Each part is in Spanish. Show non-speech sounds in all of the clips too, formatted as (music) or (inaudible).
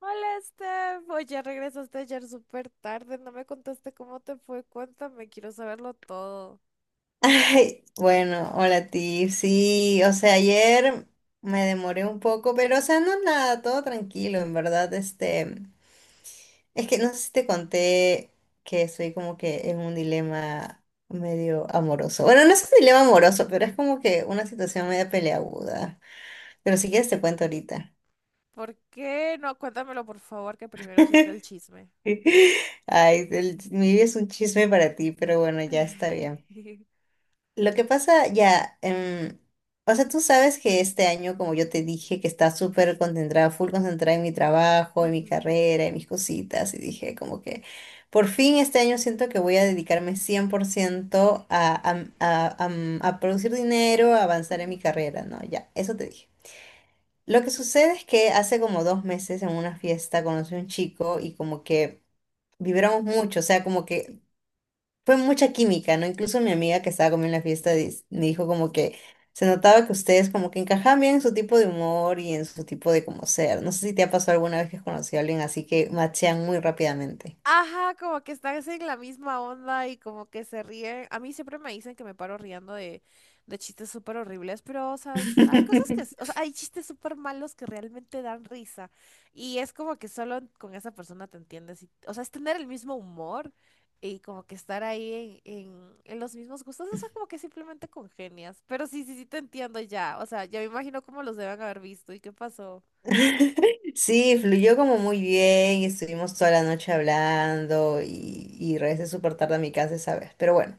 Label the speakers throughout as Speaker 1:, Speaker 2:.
Speaker 1: Hola, Steph. Oye, regresaste ayer súper tarde. No me contaste cómo te fue. Cuéntame, quiero saberlo todo.
Speaker 2: Ay, bueno, hola a ti. Sí, o sea, ayer me demoré un poco, pero o sea, no es nada, todo tranquilo, en verdad. Es que no sé si te conté que estoy como que en un dilema medio amoroso. Bueno, no es un dilema amoroso, pero es como que una situación media peleaguda. Pero si quieres te cuento ahorita.
Speaker 1: ¿Por qué? No, cuéntamelo, por favor, que primero siempre el chisme.
Speaker 2: (laughs) Ay, el- mi vida es un chisme para ti, pero bueno, ya está bien.
Speaker 1: (laughs)
Speaker 2: Lo que pasa ya, o sea, tú sabes que este año, como yo te dije, que está súper concentrada, full concentrada en mi trabajo, en mi
Speaker 1: Ujú,
Speaker 2: carrera, en mis cositas, y dije como que por fin este año siento que voy a dedicarme 100% a producir dinero, a avanzar en mi
Speaker 1: ujú.
Speaker 2: carrera, ¿no? Ya, eso te dije. Lo que sucede es que hace como 2 meses en una fiesta conocí a un chico y como que vibramos mucho, o sea, como que fue mucha química, ¿no? Incluso mi amiga que estaba conmigo en la fiesta me dijo como que se notaba que ustedes como que encajaban bien en su tipo de humor y en su tipo de como ser. No sé si te ha pasado alguna vez que has conocido a alguien así que machean muy rápidamente.
Speaker 1: Ajá, como que estás en la misma onda y como que se ríen. A mí siempre me dicen que me paro riendo de, chistes súper horribles, pero, o sea, hay cosas que, o
Speaker 2: (laughs)
Speaker 1: sea, hay chistes súper malos que realmente dan risa. Y es como que solo con esa persona te entiendes. O sea, es tener el mismo humor y como que estar ahí en los mismos gustos. O sea, como que simplemente congenias. Pero sí, sí, sí te entiendo ya. O sea, ya me imagino cómo los deben haber visto y qué pasó.
Speaker 2: Sí, fluyó como muy bien y estuvimos toda la noche hablando y regresé súper tarde a mi casa esa vez. Pero bueno,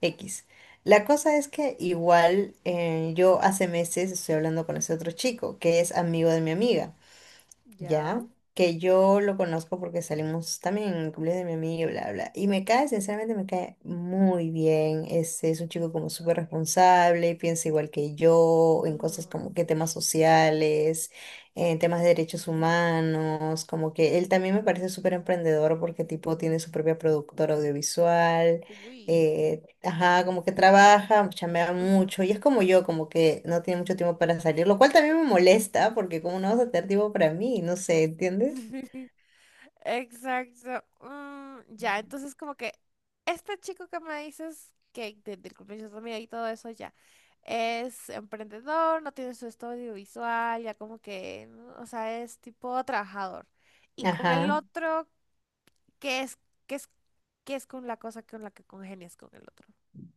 Speaker 2: X. La cosa es que igual yo hace meses estoy hablando con ese otro chico que es amigo de mi
Speaker 1: Mm,
Speaker 2: amiga.
Speaker 1: ya.
Speaker 2: Ya, que yo lo conozco porque salimos también en el cumpleaños de mi amiga y bla, bla. Y me cae, sinceramente, me cae muy bien. Es un chico como súper responsable, piensa igual que yo, en cosas
Speaker 1: Ujú.
Speaker 2: como que temas sociales, en temas de derechos humanos, como que él también me parece súper emprendedor porque tipo tiene su propia productora audiovisual.
Speaker 1: Uy.
Speaker 2: eh, Ajá, como que trabaja, chamea
Speaker 1: Ujú.
Speaker 2: mucho y es como yo, como que no tiene mucho tiempo para salir, lo cual también me molesta porque como no vas a tener tiempo para mí, no sé, ¿entiendes?
Speaker 1: (laughs) Exacto. Mm, ya, entonces como que este chico que me dices que del cumpleaños de tu amiga y todo eso ya es emprendedor, no tiene su estudio visual, ya como que, ¿no? O sea, es tipo trabajador. Y con el
Speaker 2: Ajá.
Speaker 1: otro, ¿qué es, qué es, qué es con la cosa con la que congenias con el otro?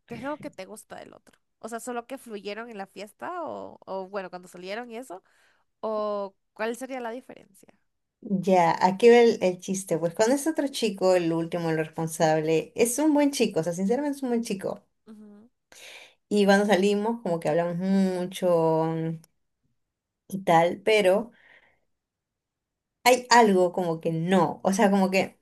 Speaker 1: ¿Qué es lo que te gusta del otro? O sea, solo que fluyeron en la fiesta o, bueno, cuando salieron y eso, o ¿cuál sería la diferencia?
Speaker 2: Ya, aquí va el chiste. Pues con este otro chico, el último, el responsable, es un buen chico, o sea, sinceramente es un buen chico.
Speaker 1: Ujú.
Speaker 2: Y cuando salimos, como que hablamos mucho, y tal, pero hay algo como que no, o sea, como que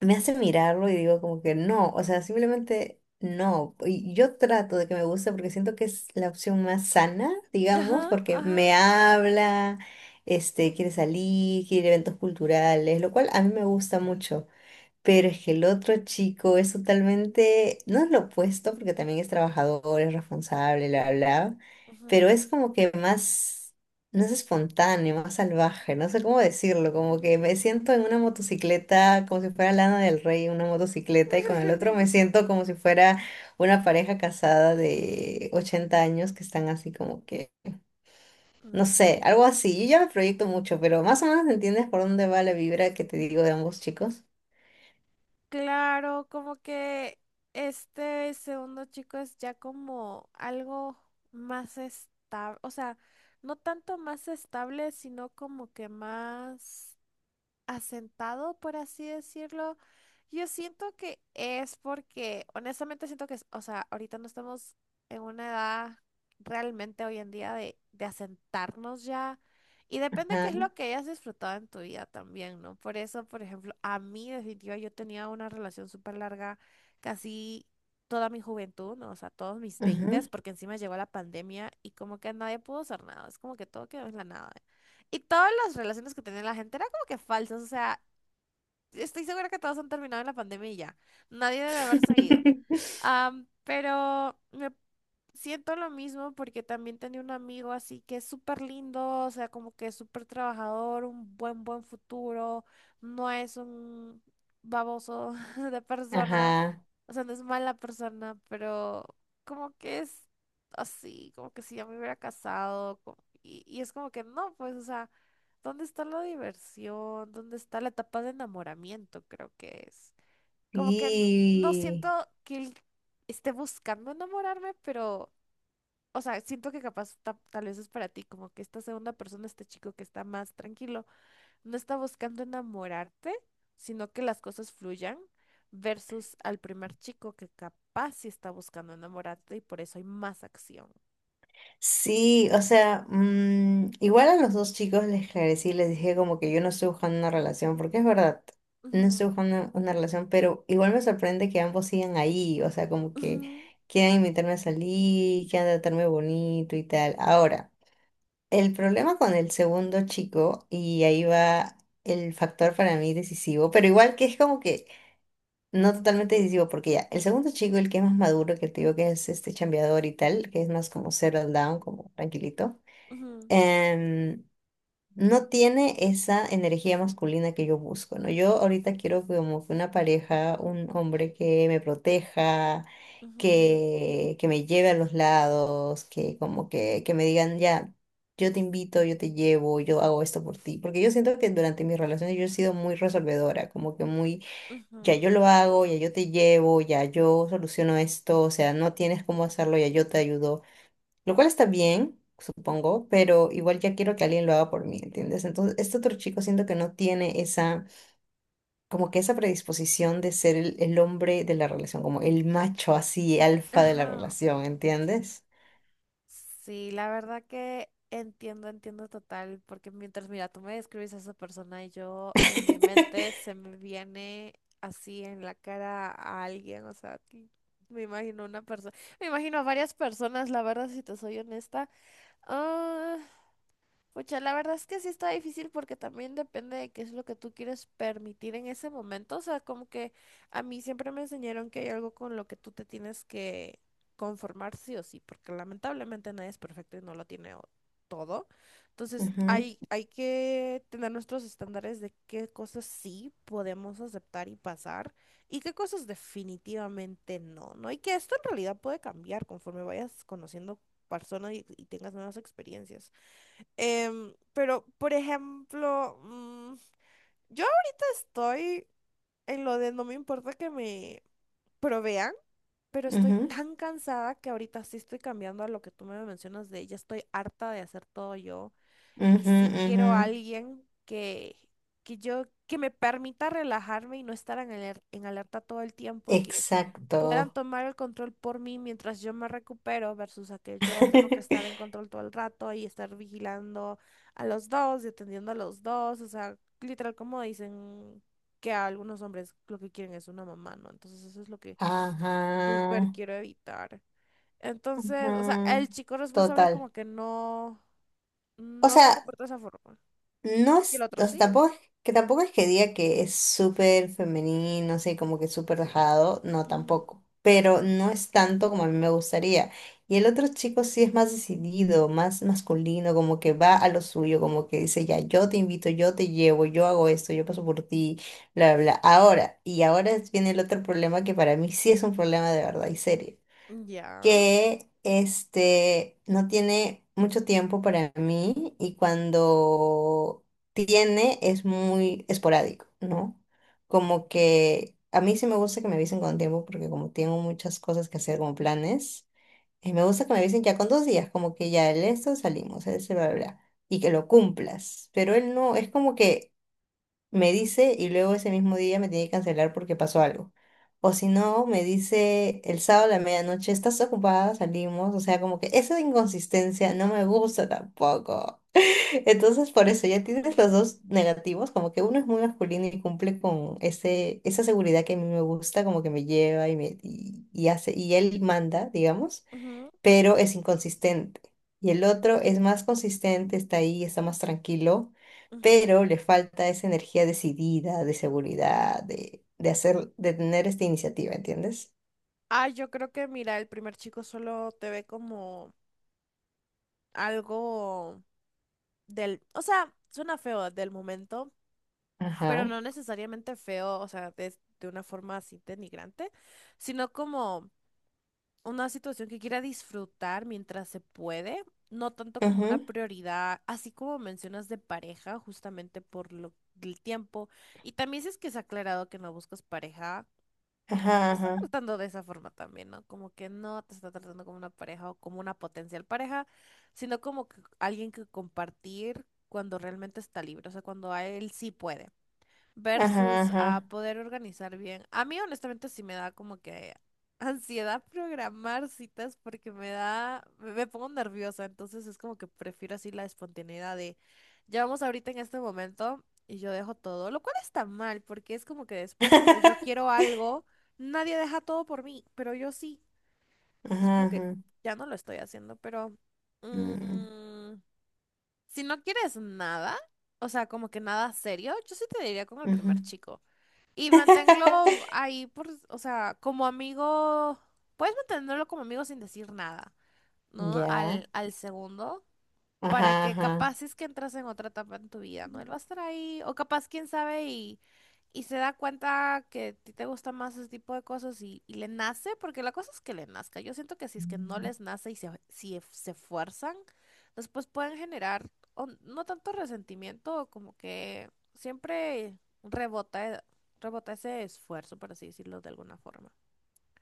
Speaker 2: me hace mirarlo y digo como que no, o sea, simplemente no. Y yo trato de que me guste porque siento que es la opción más sana, digamos,
Speaker 1: Ajá,
Speaker 2: porque
Speaker 1: ajá.
Speaker 2: me habla, quiere salir, quiere ir a eventos culturales, lo cual a mí me gusta mucho. Pero es que el otro chico es totalmente, no es lo opuesto, porque también es trabajador, es responsable, bla, bla, pero
Speaker 1: Ujú.
Speaker 2: es como que más, no es espontáneo, más salvaje, no sé cómo decirlo, como que me siento en una motocicleta como si fuera Lana del Rey, en una motocicleta, y con el otro me siento como si fuera una pareja casada de 80 años que están así como que, no
Speaker 1: Mm,
Speaker 2: sé, algo así. Yo ya me proyecto mucho, pero más o menos entiendes por dónde va la vibra que te digo de ambos chicos.
Speaker 1: claro, como que este segundo chico es ya como algo más estable, o sea, no tanto más estable, sino como que más asentado, por así decirlo. Yo siento que es porque, honestamente siento que, o sea, ahorita no estamos en una edad realmente hoy en día de asentarnos ya. Y depende qué
Speaker 2: Ajá,
Speaker 1: es lo que hayas disfrutado en tu vida también, ¿no? Por eso, por ejemplo, a mí definitiva yo tenía una relación súper larga, casi toda mi juventud, ¿no? O sea, todos mis
Speaker 2: ujú.
Speaker 1: veintes, porque encima llegó la pandemia y como que nadie pudo hacer nada, es como que todo quedó en la nada. Y todas las relaciones que tenía la gente eran como que falsas, o sea, estoy segura que todos han terminado en la pandemia y ya. Nadie debe haber seguido.
Speaker 2: (laughs)
Speaker 1: Pero me siento lo mismo porque también tenía un amigo así que es súper lindo, o sea, como que es súper trabajador, un buen futuro, no es un baboso (laughs) de persona,
Speaker 2: Ajá.
Speaker 1: o sea, no es mala persona, pero como que es así, como que si ya me hubiera casado, y es como que no, pues, o sea. ¿Dónde está la diversión? ¿Dónde está la etapa de enamoramiento? Creo que es. Como que no
Speaker 2: Sí.
Speaker 1: siento que él esté buscando enamorarme, pero, o sea, siento que capaz tal vez es para ti, como que esta segunda persona, este chico que está más tranquilo, no está buscando enamorarte, sino que las cosas fluyan, versus al primer chico que capaz sí está buscando enamorarte y por eso hay más acción.
Speaker 2: Sí, o sea, mm, igual a los dos chicos les esclarecí, les dije como que yo no estoy buscando una relación, porque es verdad, no
Speaker 1: Ujú,
Speaker 2: estoy buscando una relación, pero igual me sorprende que ambos sigan ahí, o sea, como que
Speaker 1: ujú,
Speaker 2: quieran invitarme a salir, quieran tratarme bonito y tal. Ahora, el problema con el segundo chico, y ahí va el factor para mí decisivo, pero igual que es como que no totalmente decisivo, porque ya, el segundo chico, el que es más maduro, que te digo que es este chambeador y tal, que es más como settle down, como tranquilito,
Speaker 1: ujú,
Speaker 2: em, no tiene esa energía masculina que yo busco, ¿no? Yo ahorita quiero como que una pareja, un hombre que me proteja,
Speaker 1: ujú,
Speaker 2: que me lleve a los lados, que como que me digan, ya, yo te invito, yo te llevo, yo hago esto por ti, porque yo siento que durante mis relaciones yo he sido muy resolvedora, como que muy ya
Speaker 1: ujú.
Speaker 2: yo lo hago, ya yo te llevo, ya yo soluciono esto, o sea, no tienes cómo hacerlo, ya yo te ayudo, lo cual está bien, supongo, pero igual ya quiero que alguien lo haga por mí, ¿entiendes? Entonces, este otro chico siento que no tiene esa, como que esa predisposición de ser el hombre de la relación, como el macho así, alfa de la
Speaker 1: Ajá.
Speaker 2: relación, ¿entiendes?
Speaker 1: Sí, la verdad que entiendo, entiendo total, porque mientras, mira, tú me describes a esa persona y yo en mi mente se
Speaker 2: (laughs)
Speaker 1: me viene así en la cara a alguien, o sea, que me imagino una persona, me imagino a varias personas, la verdad, si te soy honesta. Ah, pucha, la verdad es que sí está difícil porque también depende de qué es lo que tú quieres permitir en ese momento. O sea, como que a mí siempre me enseñaron que hay algo con lo que tú te tienes que conformar sí o sí, porque lamentablemente nadie es perfecto y no lo tiene todo. Entonces, hay, que tener nuestros estándares de qué cosas sí podemos aceptar y pasar y qué cosas definitivamente no, ¿no? Y que esto en realidad puede cambiar conforme vayas conociendo personas y tengas nuevas experiencias. Pero, por ejemplo, yo ahorita estoy en lo de no me importa que me provean, pero
Speaker 2: Ujú,
Speaker 1: estoy
Speaker 2: ujú,
Speaker 1: tan cansada que ahorita sí estoy cambiando a lo que tú me mencionas de ya estoy harta de hacer todo yo. Y
Speaker 2: ujú,
Speaker 1: sí quiero a
Speaker 2: ujú.
Speaker 1: alguien que me permita relajarme y no estar en alerta todo el tiempo y que puedan
Speaker 2: Exacto.
Speaker 1: tomar el control por mí mientras yo me recupero versus a que yo tengo que estar en
Speaker 2: (laughs)
Speaker 1: control todo el rato y estar vigilando a los dos y atendiendo a los dos. O sea, literal como dicen que a algunos hombres lo que quieren es una mamá, ¿no? Entonces eso es lo que súper
Speaker 2: Ajá,
Speaker 1: quiero evitar. Entonces, o sea,
Speaker 2: ajá.
Speaker 1: el chico responsable
Speaker 2: Total.
Speaker 1: como que no,
Speaker 2: O
Speaker 1: no se
Speaker 2: sea,
Speaker 1: comporta de esa forma.
Speaker 2: no
Speaker 1: Y el
Speaker 2: es,
Speaker 1: otro
Speaker 2: o sea,
Speaker 1: sí.
Speaker 2: tampoco es, que tampoco es que diga que es súper femenino, así como que súper dejado, no
Speaker 1: Ujú,
Speaker 2: tampoco, pero no es tanto como a mí me gustaría. Y el otro chico sí es más decidido, más masculino, como que va a lo suyo, como que dice, ya, yo te invito, yo te llevo, yo hago esto, yo paso por ti, bla, bla, bla. Ahora, y ahora es- viene el otro problema que para mí sí es un problema de verdad y serio
Speaker 1: ya.
Speaker 2: que este no tiene mucho tiempo para mí y cuando tiene es muy esporádico, ¿no? Como que a mí sí me gusta que me avisen con tiempo porque como tengo muchas cosas que hacer como planes, me gusta que me avisen ya con 2 días, como que ya el esto salimos, ese bla bla bla, y que lo cumplas. Pero él no, es como que me dice y luego ese mismo día me tiene que cancelar porque pasó algo. O si no, me dice el sábado a la medianoche, ¿estás ocupada? Salimos. O sea, como que esa inconsistencia no me gusta tampoco. Entonces, por eso ya tienes los
Speaker 1: Ujú,
Speaker 2: dos negativos, como que uno es muy masculino y cumple con ese, esa seguridad que a mí me gusta, como que me lleva y hace, y él manda, digamos,
Speaker 1: ujú,
Speaker 2: pero es inconsistente. Y el otro es más consistente, está ahí, está más tranquilo,
Speaker 1: ujú.
Speaker 2: pero le falta esa energía decidida, de seguridad, de hacer, de tener esta iniciativa, ¿entiendes?
Speaker 1: Ah, yo creo que, mira, el primer chico solo te ve como algo del, o sea, suena feo del momento, pero
Speaker 2: Ajá,
Speaker 1: no necesariamente feo, o sea, de una forma así denigrante, sino como una situación que quiera disfrutar mientras se puede, no tanto como una
Speaker 2: ajá,
Speaker 1: prioridad, así como mencionas de pareja, justamente por lo, el tiempo. Y también si es que se ha aclarado que no buscas pareja
Speaker 2: ajá, ajá,
Speaker 1: tratando de esa forma también, ¿no? Como que no te está tratando como una pareja o como una potencial pareja, sino como que alguien que compartir cuando realmente está libre, o sea, cuando a él sí puede
Speaker 2: ajá,
Speaker 1: versus a
Speaker 2: ajá.
Speaker 1: poder organizar bien. A mí honestamente sí me da como que ansiedad programar citas porque me da, me pongo nerviosa, entonces es como que prefiero así la espontaneidad de, ya vamos ahorita en este momento y yo dejo todo, lo cual está mal porque es como que después cuando yo
Speaker 2: (laughs)
Speaker 1: quiero algo, nadie deja todo por mí, pero yo sí. Entonces
Speaker 2: Ajá,
Speaker 1: como que
Speaker 2: ajá,
Speaker 1: ya no lo estoy haciendo, pero
Speaker 2: mm,
Speaker 1: mm, si no quieres nada, o sea, como que nada serio, yo sí te diría con el
Speaker 2: ujú.
Speaker 1: primer chico. Y manténlo
Speaker 2: (laughs)
Speaker 1: ahí por, o sea, como amigo, puedes mantenerlo como amigo sin decir nada, ¿no?
Speaker 2: Ya,
Speaker 1: Al segundo para
Speaker 2: ajá,
Speaker 1: que
Speaker 2: ajá.
Speaker 1: capaz es que entras en otra etapa en tu vida, ¿no? Él va a estar ahí, o capaz, quién sabe, y se da cuenta que a ti te gusta más ese tipo de cosas y le nace, porque la cosa es que le nazca. Yo siento que si es que no les nace y si se fuerzan, después pueden generar o no tanto resentimiento, como que siempre rebota, rebota ese esfuerzo, por así decirlo de alguna forma.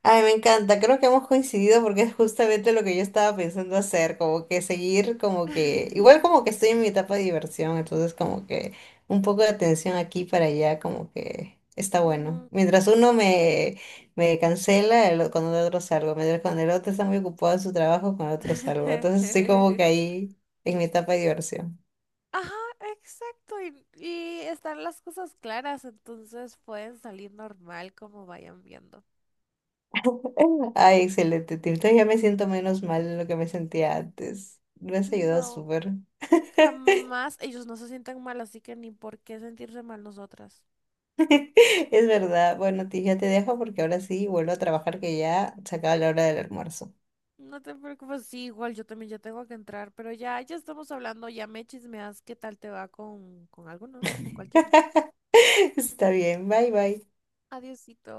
Speaker 2: Ay, me encanta, creo que hemos coincidido porque es justamente lo que yo estaba pensando hacer, como que seguir, como que, igual
Speaker 1: (laughs)
Speaker 2: como que estoy en mi etapa de diversión, entonces como que un poco de atención aquí para allá, como que está bueno.
Speaker 1: Ujú.
Speaker 2: Mientras uno me, me cancela, el, o- con el otro salgo, mientras con el otro está muy ocupado en su trabajo, con el otro salgo, entonces estoy como
Speaker 1: (laughs)
Speaker 2: que ahí en mi etapa de diversión.
Speaker 1: Ajá, exacto. Y están las cosas claras, entonces pueden salir normal como vayan viendo.
Speaker 2: Ay, excelente, Tito, ya me siento menos mal de lo que me sentía antes, me has ayudado
Speaker 1: No,
Speaker 2: súper.
Speaker 1: jamás ellos no se sientan mal, así que ni por qué sentirse mal nosotras.
Speaker 2: (laughs) Es verdad. Bueno, ti ya te dejo porque ahora sí vuelvo a trabajar que ya se acaba la hora del almuerzo.
Speaker 1: No te preocupes, sí, igual yo también ya tengo que entrar, pero ya, ya estamos hablando, ya me chismeas qué tal te va con, alguno, ¿no? Con cualquiera.
Speaker 2: (laughs) Está bien. Bye, bye.
Speaker 1: Adiosito.